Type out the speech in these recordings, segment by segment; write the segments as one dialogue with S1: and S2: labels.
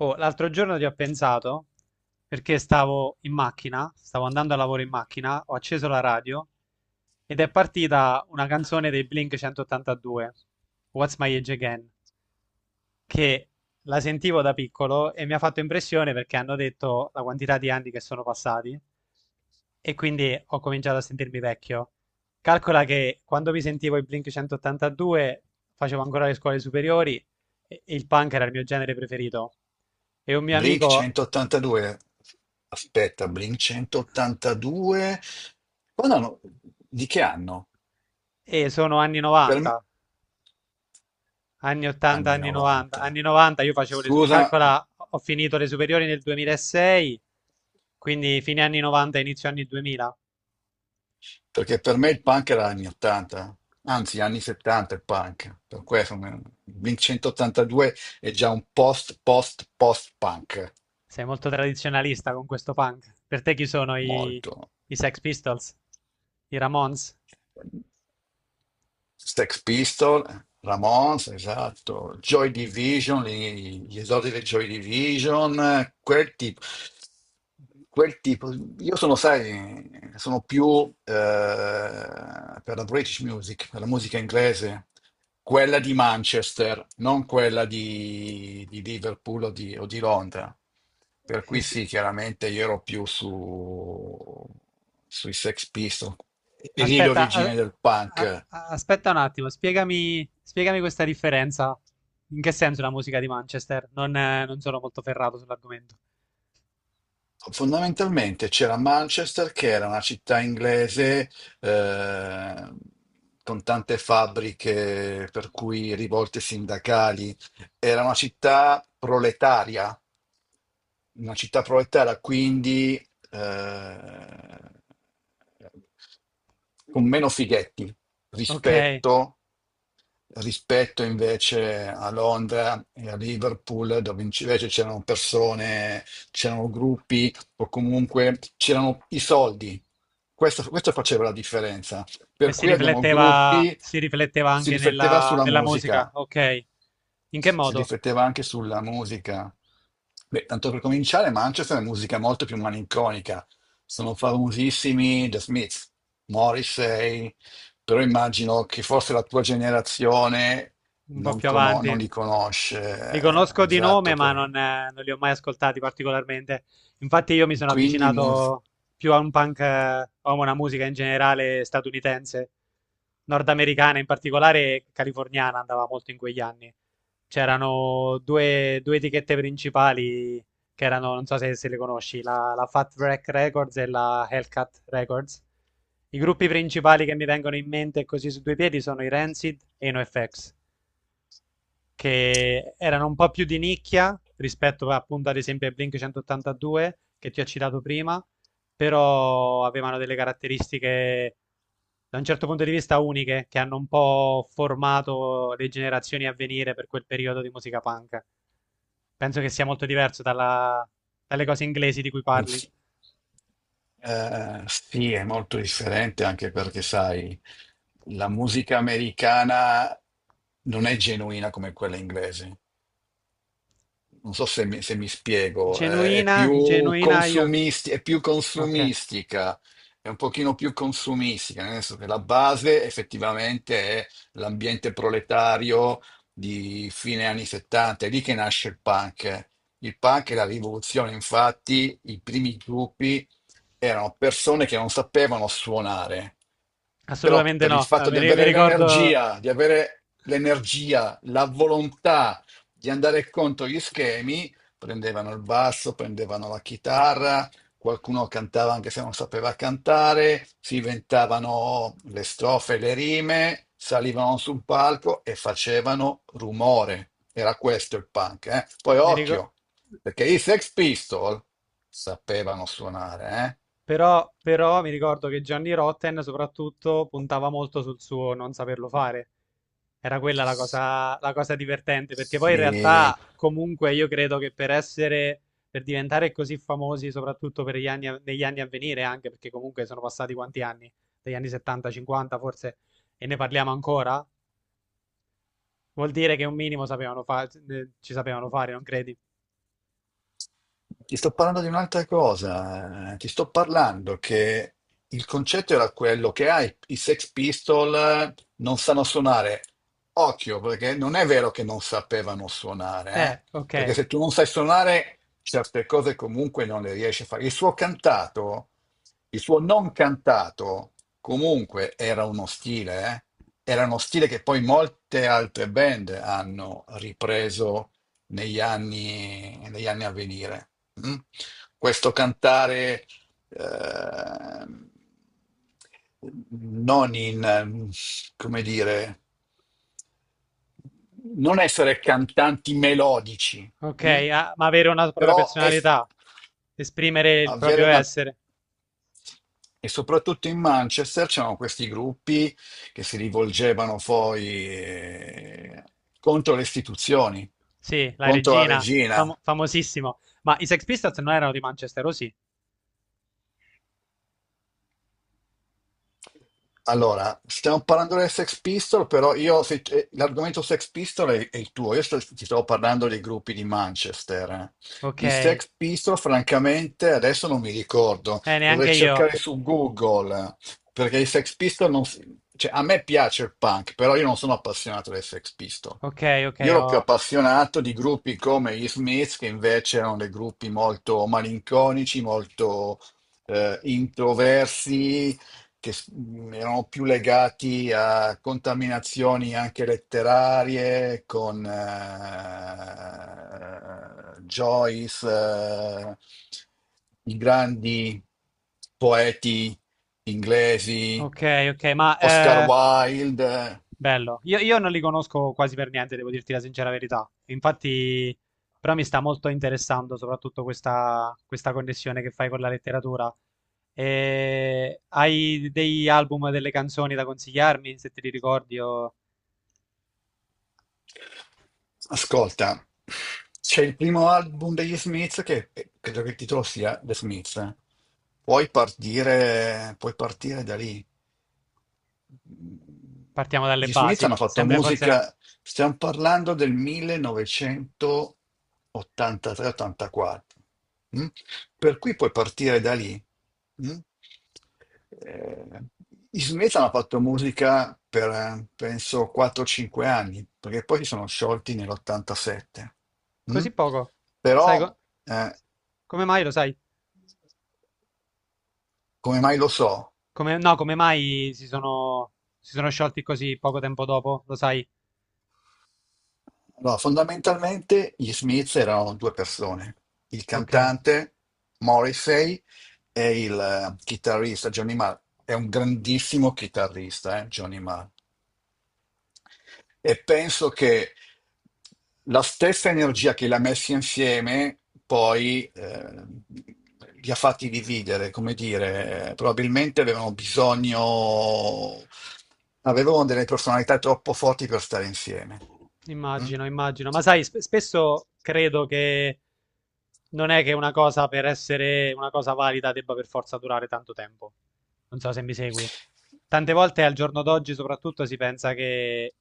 S1: Oh, l'altro giorno ci ho pensato perché stavo in macchina, stavo andando a lavoro in macchina, ho acceso la radio ed è partita una canzone dei Blink 182, What's My Age Again, che la sentivo da piccolo e mi ha fatto impressione perché hanno detto la quantità di anni che sono passati e quindi ho cominciato a sentirmi vecchio. Calcola che quando mi sentivo i Blink 182 facevo ancora le scuole superiori e il punk era il mio genere preferito. E un mio
S2: Blink
S1: amico.
S2: 182. Aspetta, Blink 182. Quando hanno- Di che anno?
S1: E sono anni
S2: Per me...
S1: 90, anni 80,
S2: Anni
S1: anni 90.
S2: 90.
S1: Anni 90. Io facevo le... su-
S2: Scusa,
S1: Calcola, ho finito le superiori nel 2006, quindi fine anni 90, inizio anni 2000.
S2: perché per me il punk era anni 80. Anzi, anni 70 il punk. Blink 182 è già un post, post, post punk.
S1: Sei molto tradizionalista con questo punk. Per te chi sono i,
S2: Molto.
S1: i Sex Pistols? I Ramones?
S2: Sex Pistols, Ramones, esatto, Joy Division, gli esordi del Joy Division, quel tipo. Quel tipo. Io sono, sai, sono più eh, per la British music, per la musica inglese, quella di Manchester, non quella di Liverpool o o di Londra. Per
S1: Eh
S2: cui
S1: sì.
S2: sì, chiaramente io ero più su, sui Sex Pistols, e lì
S1: Aspetta,
S2: l'origine
S1: a-
S2: del
S1: a-
S2: punk.
S1: a- aspetta un attimo, spiegami questa differenza. In che senso la musica di Manchester? Non sono molto ferrato sull'argomento.
S2: Fondamentalmente c'era Manchester, che era una città inglese eh, con tante fabbriche, per cui rivolte sindacali. Era una città proletaria, quindi con meno fighetti
S1: Ok.
S2: rispetto, rispetto invece a Londra e a Liverpool, dove invece c'erano persone, c'erano gruppi o comunque c'erano i soldi. Questo faceva la differenza.
S1: E
S2: Per
S1: si
S2: cui abbiamo
S1: rifletteva,
S2: gruppi,
S1: si rifletteva
S2: si
S1: anche
S2: rifletteva
S1: nella,
S2: sulla
S1: nella musica,
S2: musica,
S1: ok. In che
S2: si
S1: modo?
S2: rifletteva anche sulla musica. Beh, tanto per cominciare, Manchester è musica molto più malinconica. Sono famosissimi The Smiths, Morrissey, però immagino che forse la tua generazione
S1: Un po'
S2: non,
S1: più
S2: non
S1: avanti.
S2: li
S1: Li
S2: conosce.
S1: conosco di
S2: Esatto,
S1: nome, ma
S2: perché...
S1: non li ho mai ascoltati particolarmente. Infatti, io mi sono
S2: quindi musica.
S1: avvicinato più a un punk, o a una musica in generale statunitense, nordamericana in particolare, e californiana andava molto in quegli anni. C'erano due etichette principali che erano, non so se le conosci, la Fat Wreck Records e la Hellcat Records. I gruppi principali che mi vengono in mente così su due piedi sono i Rancid e i NoFX, che erano un po' più di nicchia rispetto appunto ad esempio ai Blink 182 che ti ho citato prima, però avevano delle caratteristiche da un certo punto di vista uniche che hanno un po' formato le generazioni a venire per quel periodo di musica punk. Penso che sia molto diverso dalle cose inglesi di cui
S2: Eh
S1: parli.
S2: sì. Sì, è molto differente anche perché, sai, la musica americana non è genuina come quella inglese. Non so se mi, se mi spiego,
S1: Genuina, genuina io.
S2: è più
S1: Ok,
S2: consumistica, è un pochino più consumistica, nel senso che la base effettivamente è l'ambiente proletario di fine anni 70, è lì che nasce il punk. Il punk e la rivoluzione, infatti, i primi gruppi erano persone che non sapevano suonare, però
S1: assolutamente
S2: per il
S1: no. Ah,
S2: fatto
S1: Mi,
S2: di
S1: ri- mi
S2: avere
S1: ricordo,
S2: l'energia, la volontà di andare contro gli schemi, prendevano il basso, prendevano la chitarra, qualcuno cantava anche se non sapeva cantare, si inventavano le strofe, le rime, salivano su un palco e facevano rumore. Era questo il punk, eh? Poi
S1: mi ricordo.
S2: occhio, perché i Sex Pistol sapevano suonare, eh?
S1: Però mi ricordo che Gianni Rotten soprattutto puntava molto sul suo non saperlo fare. Era quella la cosa divertente, perché poi in
S2: I,
S1: realtà comunque io credo che per diventare così famosi, soprattutto per gli anni, negli anni a venire, anche perché comunque sono passati quanti anni? Degli anni 70, 50 forse, e ne parliamo ancora? Vuol dire che un minimo ci sapevano fare, non credi?
S2: Ti sto parlando di un'altra cosa, ti sto parlando che il concetto era quello che ah, i Sex Pistol non sanno suonare. Occhio, perché non è vero che non sapevano suonare, perché
S1: Ok,
S2: se tu non sai suonare certe cose comunque non le riesci a fare. Il suo cantato, il suo non cantato comunque era uno stile, era uno stile che poi molte altre band hanno ripreso negli anni a venire. Mm? Questo cantare ehm, non in, come dire, non essere cantanti melodici,
S1: ok,
S2: mm?
S1: ah, ma avere una propria
S2: Però
S1: personalità, esprimere il
S2: avere
S1: proprio
S2: una...
S1: essere.
S2: E soprattutto in Manchester c'erano questi gruppi che si rivolgevano poi eh, contro le istituzioni,
S1: Sì, la
S2: contro la
S1: regina, famo-
S2: regina.
S1: famosissimo. Ma i Sex Pistols non erano di Manchester, o sì?
S2: Allora, stiamo parlando delle Sex Pistol, però io l'argomento Sex Pistol è il tuo, ti stavo parlando dei gruppi di Manchester. Eh.
S1: Ok,
S2: I Sex Pistol, francamente, adesso non mi ricordo,
S1: neanche
S2: dovrei
S1: io.
S2: cercare su Google, perché i Sex Pistol non... cioè, a me piace il punk, però io non sono appassionato dei Sex Pistol.
S1: Ok, ok,
S2: Io ero più
S1: oh.
S2: appassionato di gruppi come gli Smiths, che invece erano dei gruppi molto malinconici, molto introversi, che s- erano più legati a contaminazioni anche letterarie con Joyce, i grandi poeti inglesi,
S1: Ok, ok, ma
S2: Oscar Wilde.
S1: bello. Io non li conosco quasi per niente, devo dirti la sincera verità. Infatti, però mi sta molto interessando soprattutto questa connessione che fai con la letteratura. E hai dei album, delle canzoni da consigliarmi, se te li ricordi, o
S2: Ascolta, c'è il primo album degli Smith che credo che il titolo sia The Smith. Puoi partire da lì.
S1: partiamo dalle
S2: Gli Smith
S1: basi?
S2: hanno
S1: È
S2: fatto
S1: sempre forse la...
S2: musica, stiamo parlando del 1983-84, mm? Per cui puoi partire da lì. Mm? Eh, gli Smith hanno fatto musica per, penso, 4-5 anni, perché poi si sono sciolti nell'87.
S1: Così poco?
S2: Però,
S1: Sai
S2: eh,
S1: come mai lo sai?
S2: come mai lo so?
S1: Come, no, come mai si sono sciolti così poco tempo dopo? Lo sai?
S2: Allora, fondamentalmente gli Smith erano due persone, il
S1: Ok,
S2: cantante Morrissey e il chitarrista Johnny Marr. È un grandissimo chitarrista, Johnny Marr. E penso che la stessa energia che li ha messi insieme poi li ha fatti dividere, come dire, probabilmente avevano delle personalità troppo forti per stare insieme. Mm?
S1: immagino, immagino. Ma sai, spesso credo che non è che una cosa per essere una cosa valida debba per forza durare tanto tempo. Non so se mi segui. Tante volte al giorno d'oggi soprattutto si pensa che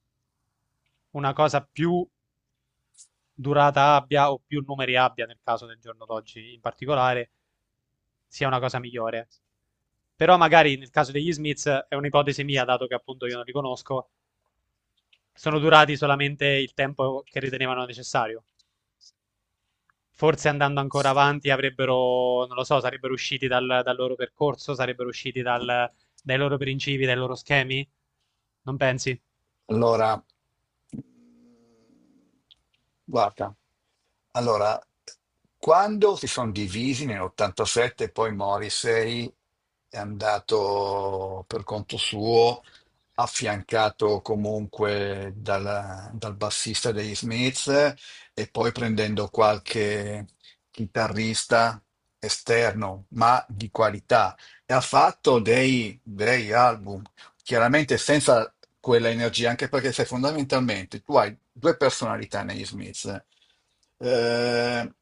S1: una cosa più durata abbia o più numeri abbia, nel caso del giorno d'oggi in particolare, sia una cosa migliore. Però magari nel caso degli Smiths, è un'ipotesi mia, dato che appunto io non li conosco, sono durati solamente il tempo che ritenevano necessario. Forse andando ancora avanti avrebbero, non lo so, sarebbero usciti dal loro percorso, sarebbero usciti dai loro principi, dai loro schemi? Non pensi?
S2: Allora, guarda, allora, quando si sono divisi nell'87, poi Morrissey è andato per conto suo, affiancato comunque dal bassista degli Smith e poi prendendo qualche chitarrista esterno, ma di qualità. E ha fatto dei bei album, chiaramente senza quella energia, anche perché sai, fondamentalmente tu hai due personalità negli Smith, eh,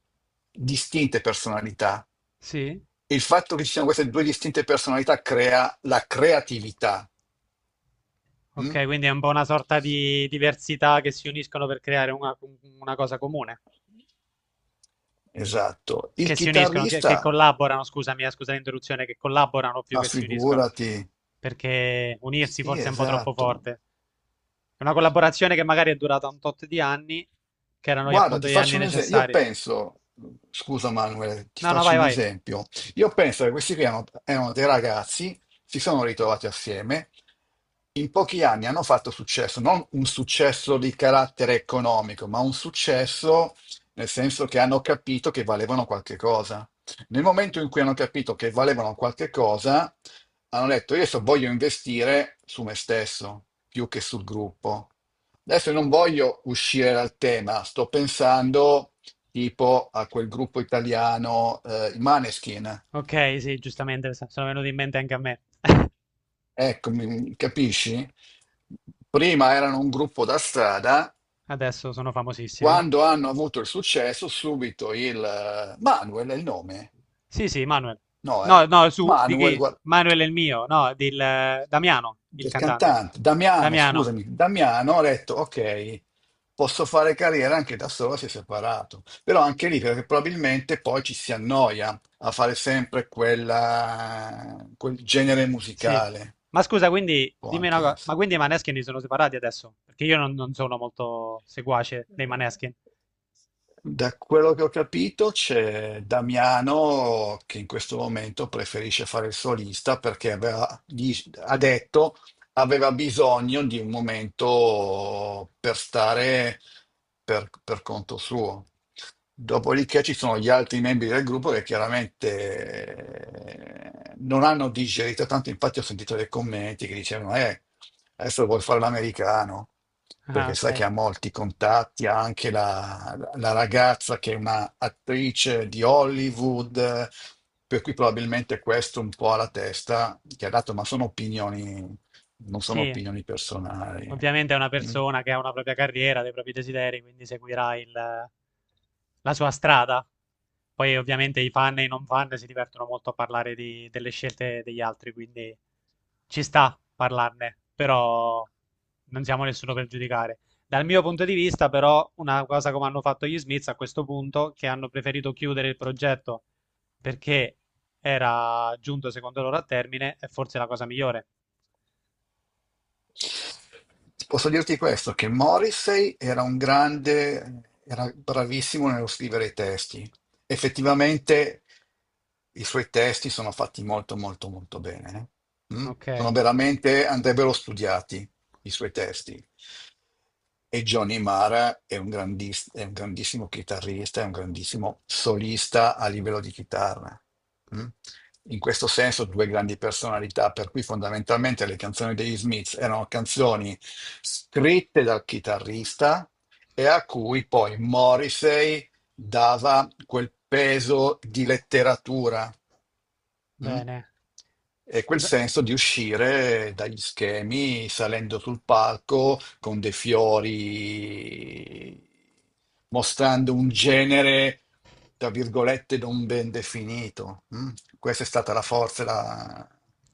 S2: distinte personalità.
S1: Sì.
S2: E il fatto che ci siano queste due distinte personalità crea la creatività. Mm?
S1: Ok, quindi è un po' una sorta di diversità che si uniscono per creare una cosa comune.
S2: Esatto. Il
S1: Che si uniscono, che
S2: chitarrista,
S1: collaborano, scusami, scusa l'interruzione, che collaborano più
S2: ma
S1: che si uniscono.
S2: figurati,
S1: Perché unirsi
S2: sì,
S1: forse è un po' troppo
S2: esatto.
S1: forte. È una collaborazione che magari è durata un tot di anni, che erano
S2: Guarda,
S1: appunto
S2: ti
S1: gli anni
S2: faccio un esempio. Io
S1: necessari.
S2: penso, scusa Manuel, ti
S1: No, no,
S2: faccio
S1: vai,
S2: un
S1: vai.
S2: esempio. Io penso che questi qui erano dei ragazzi, si sono ritrovati assieme, in pochi anni hanno fatto successo, non un successo di carattere economico, ma un successo nel senso che hanno capito che valevano qualche cosa. Nel momento in cui hanno capito che valevano qualche cosa, hanno detto, io adesso voglio investire su me stesso più che sul gruppo. Adesso non voglio uscire dal tema, sto pensando tipo a quel gruppo italiano, i Maneskin.
S1: Ok, sì, giustamente, sono venuti in mente anche a me.
S2: Ecco, capisci? Prima erano un gruppo da strada,
S1: Adesso sono famosissimi.
S2: quando hanno avuto il successo, subito il... Manuel è il nome?
S1: Sì, sì, Manuel.
S2: No,
S1: No,
S2: eh?
S1: no, su, di
S2: Manuel,
S1: chi?
S2: guarda.
S1: Manuel è il mio, no, del Damiano, il
S2: Del
S1: cantante.
S2: cantante Damiano,
S1: Damiano,
S2: scusami, Damiano ha detto ok, posso fare carriera anche da solo se separato, però anche lì perché probabilmente poi ci si annoia a fare sempre quel genere
S1: sì.
S2: musicale,
S1: Ma scusa, quindi,
S2: può
S1: dimmi una
S2: anche
S1: cosa,
S2: essere.
S1: ma quindi i Maneskin si sono separati adesso? Perché io non sono molto seguace dei Maneskin.
S2: Da quello che ho capito c'è Damiano che in questo momento preferisce fare il solista perché ha detto aveva bisogno di un momento per stare per conto suo. Dopodiché ci sono gli altri membri del gruppo che chiaramente non hanno digerito tanto, infatti ho sentito dei commenti che dicevano, adesso vuoi fare l'americano,
S1: Ah,
S2: perché sai
S1: ok.
S2: che ha molti contatti, ha anche la ragazza che è una attrice di Hollywood, per cui probabilmente questo un po' alla testa, che ha dato, ma sono opinioni non sono
S1: Sì,
S2: opinioni personali.
S1: ovviamente è una
S2: Mm.
S1: persona che ha una propria carriera, dei propri desideri, quindi seguirà il, la sua strada. Poi ovviamente i fan e i non fan si divertono molto a parlare delle scelte degli altri, quindi ci sta parlarne, però non siamo nessuno per giudicare. Dal mio punto di vista, però, una cosa come hanno fatto gli Smiths a questo punto, che hanno preferito chiudere il progetto perché era giunto secondo loro a termine, è forse la cosa migliore.
S2: Posso dirti questo, che Morrissey era un grande, era bravissimo nello scrivere i testi. Effettivamente i suoi testi sono fatti molto molto molto bene. Eh. Mm.
S1: Ok,
S2: Andrebbero studiati. I suoi testi. E Johnny Mara è un grandissimo chitarrista, è un grandissimo solista a livello di chitarra. Mm? In questo senso, due grandi personalità, per cui fondamentalmente le canzoni degli Smiths erano canzoni scritte dal chitarrista e a cui poi Morrissey dava quel peso di letteratura. Mm?
S1: bene.
S2: E quel
S1: D-
S2: senso di uscire dagli schemi salendo sul palco con dei fiori, mostrando un genere, tra virgolette, non ben definito. Mm? Questa è stata la forza e la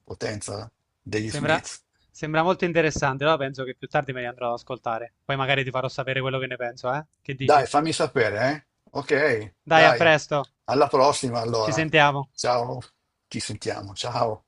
S2: potenza degli
S1: Sembra,
S2: Smith.
S1: sembra molto interessante, però penso che più tardi me li andrò ad ascoltare. Poi magari ti farò sapere quello che ne penso, eh? Che
S2: Dai,
S1: dici?
S2: fammi sapere, eh? Ok,
S1: Dai, a
S2: dai,
S1: presto,
S2: alla prossima
S1: ci
S2: allora.
S1: sentiamo.
S2: Ciao, ci sentiamo, ciao.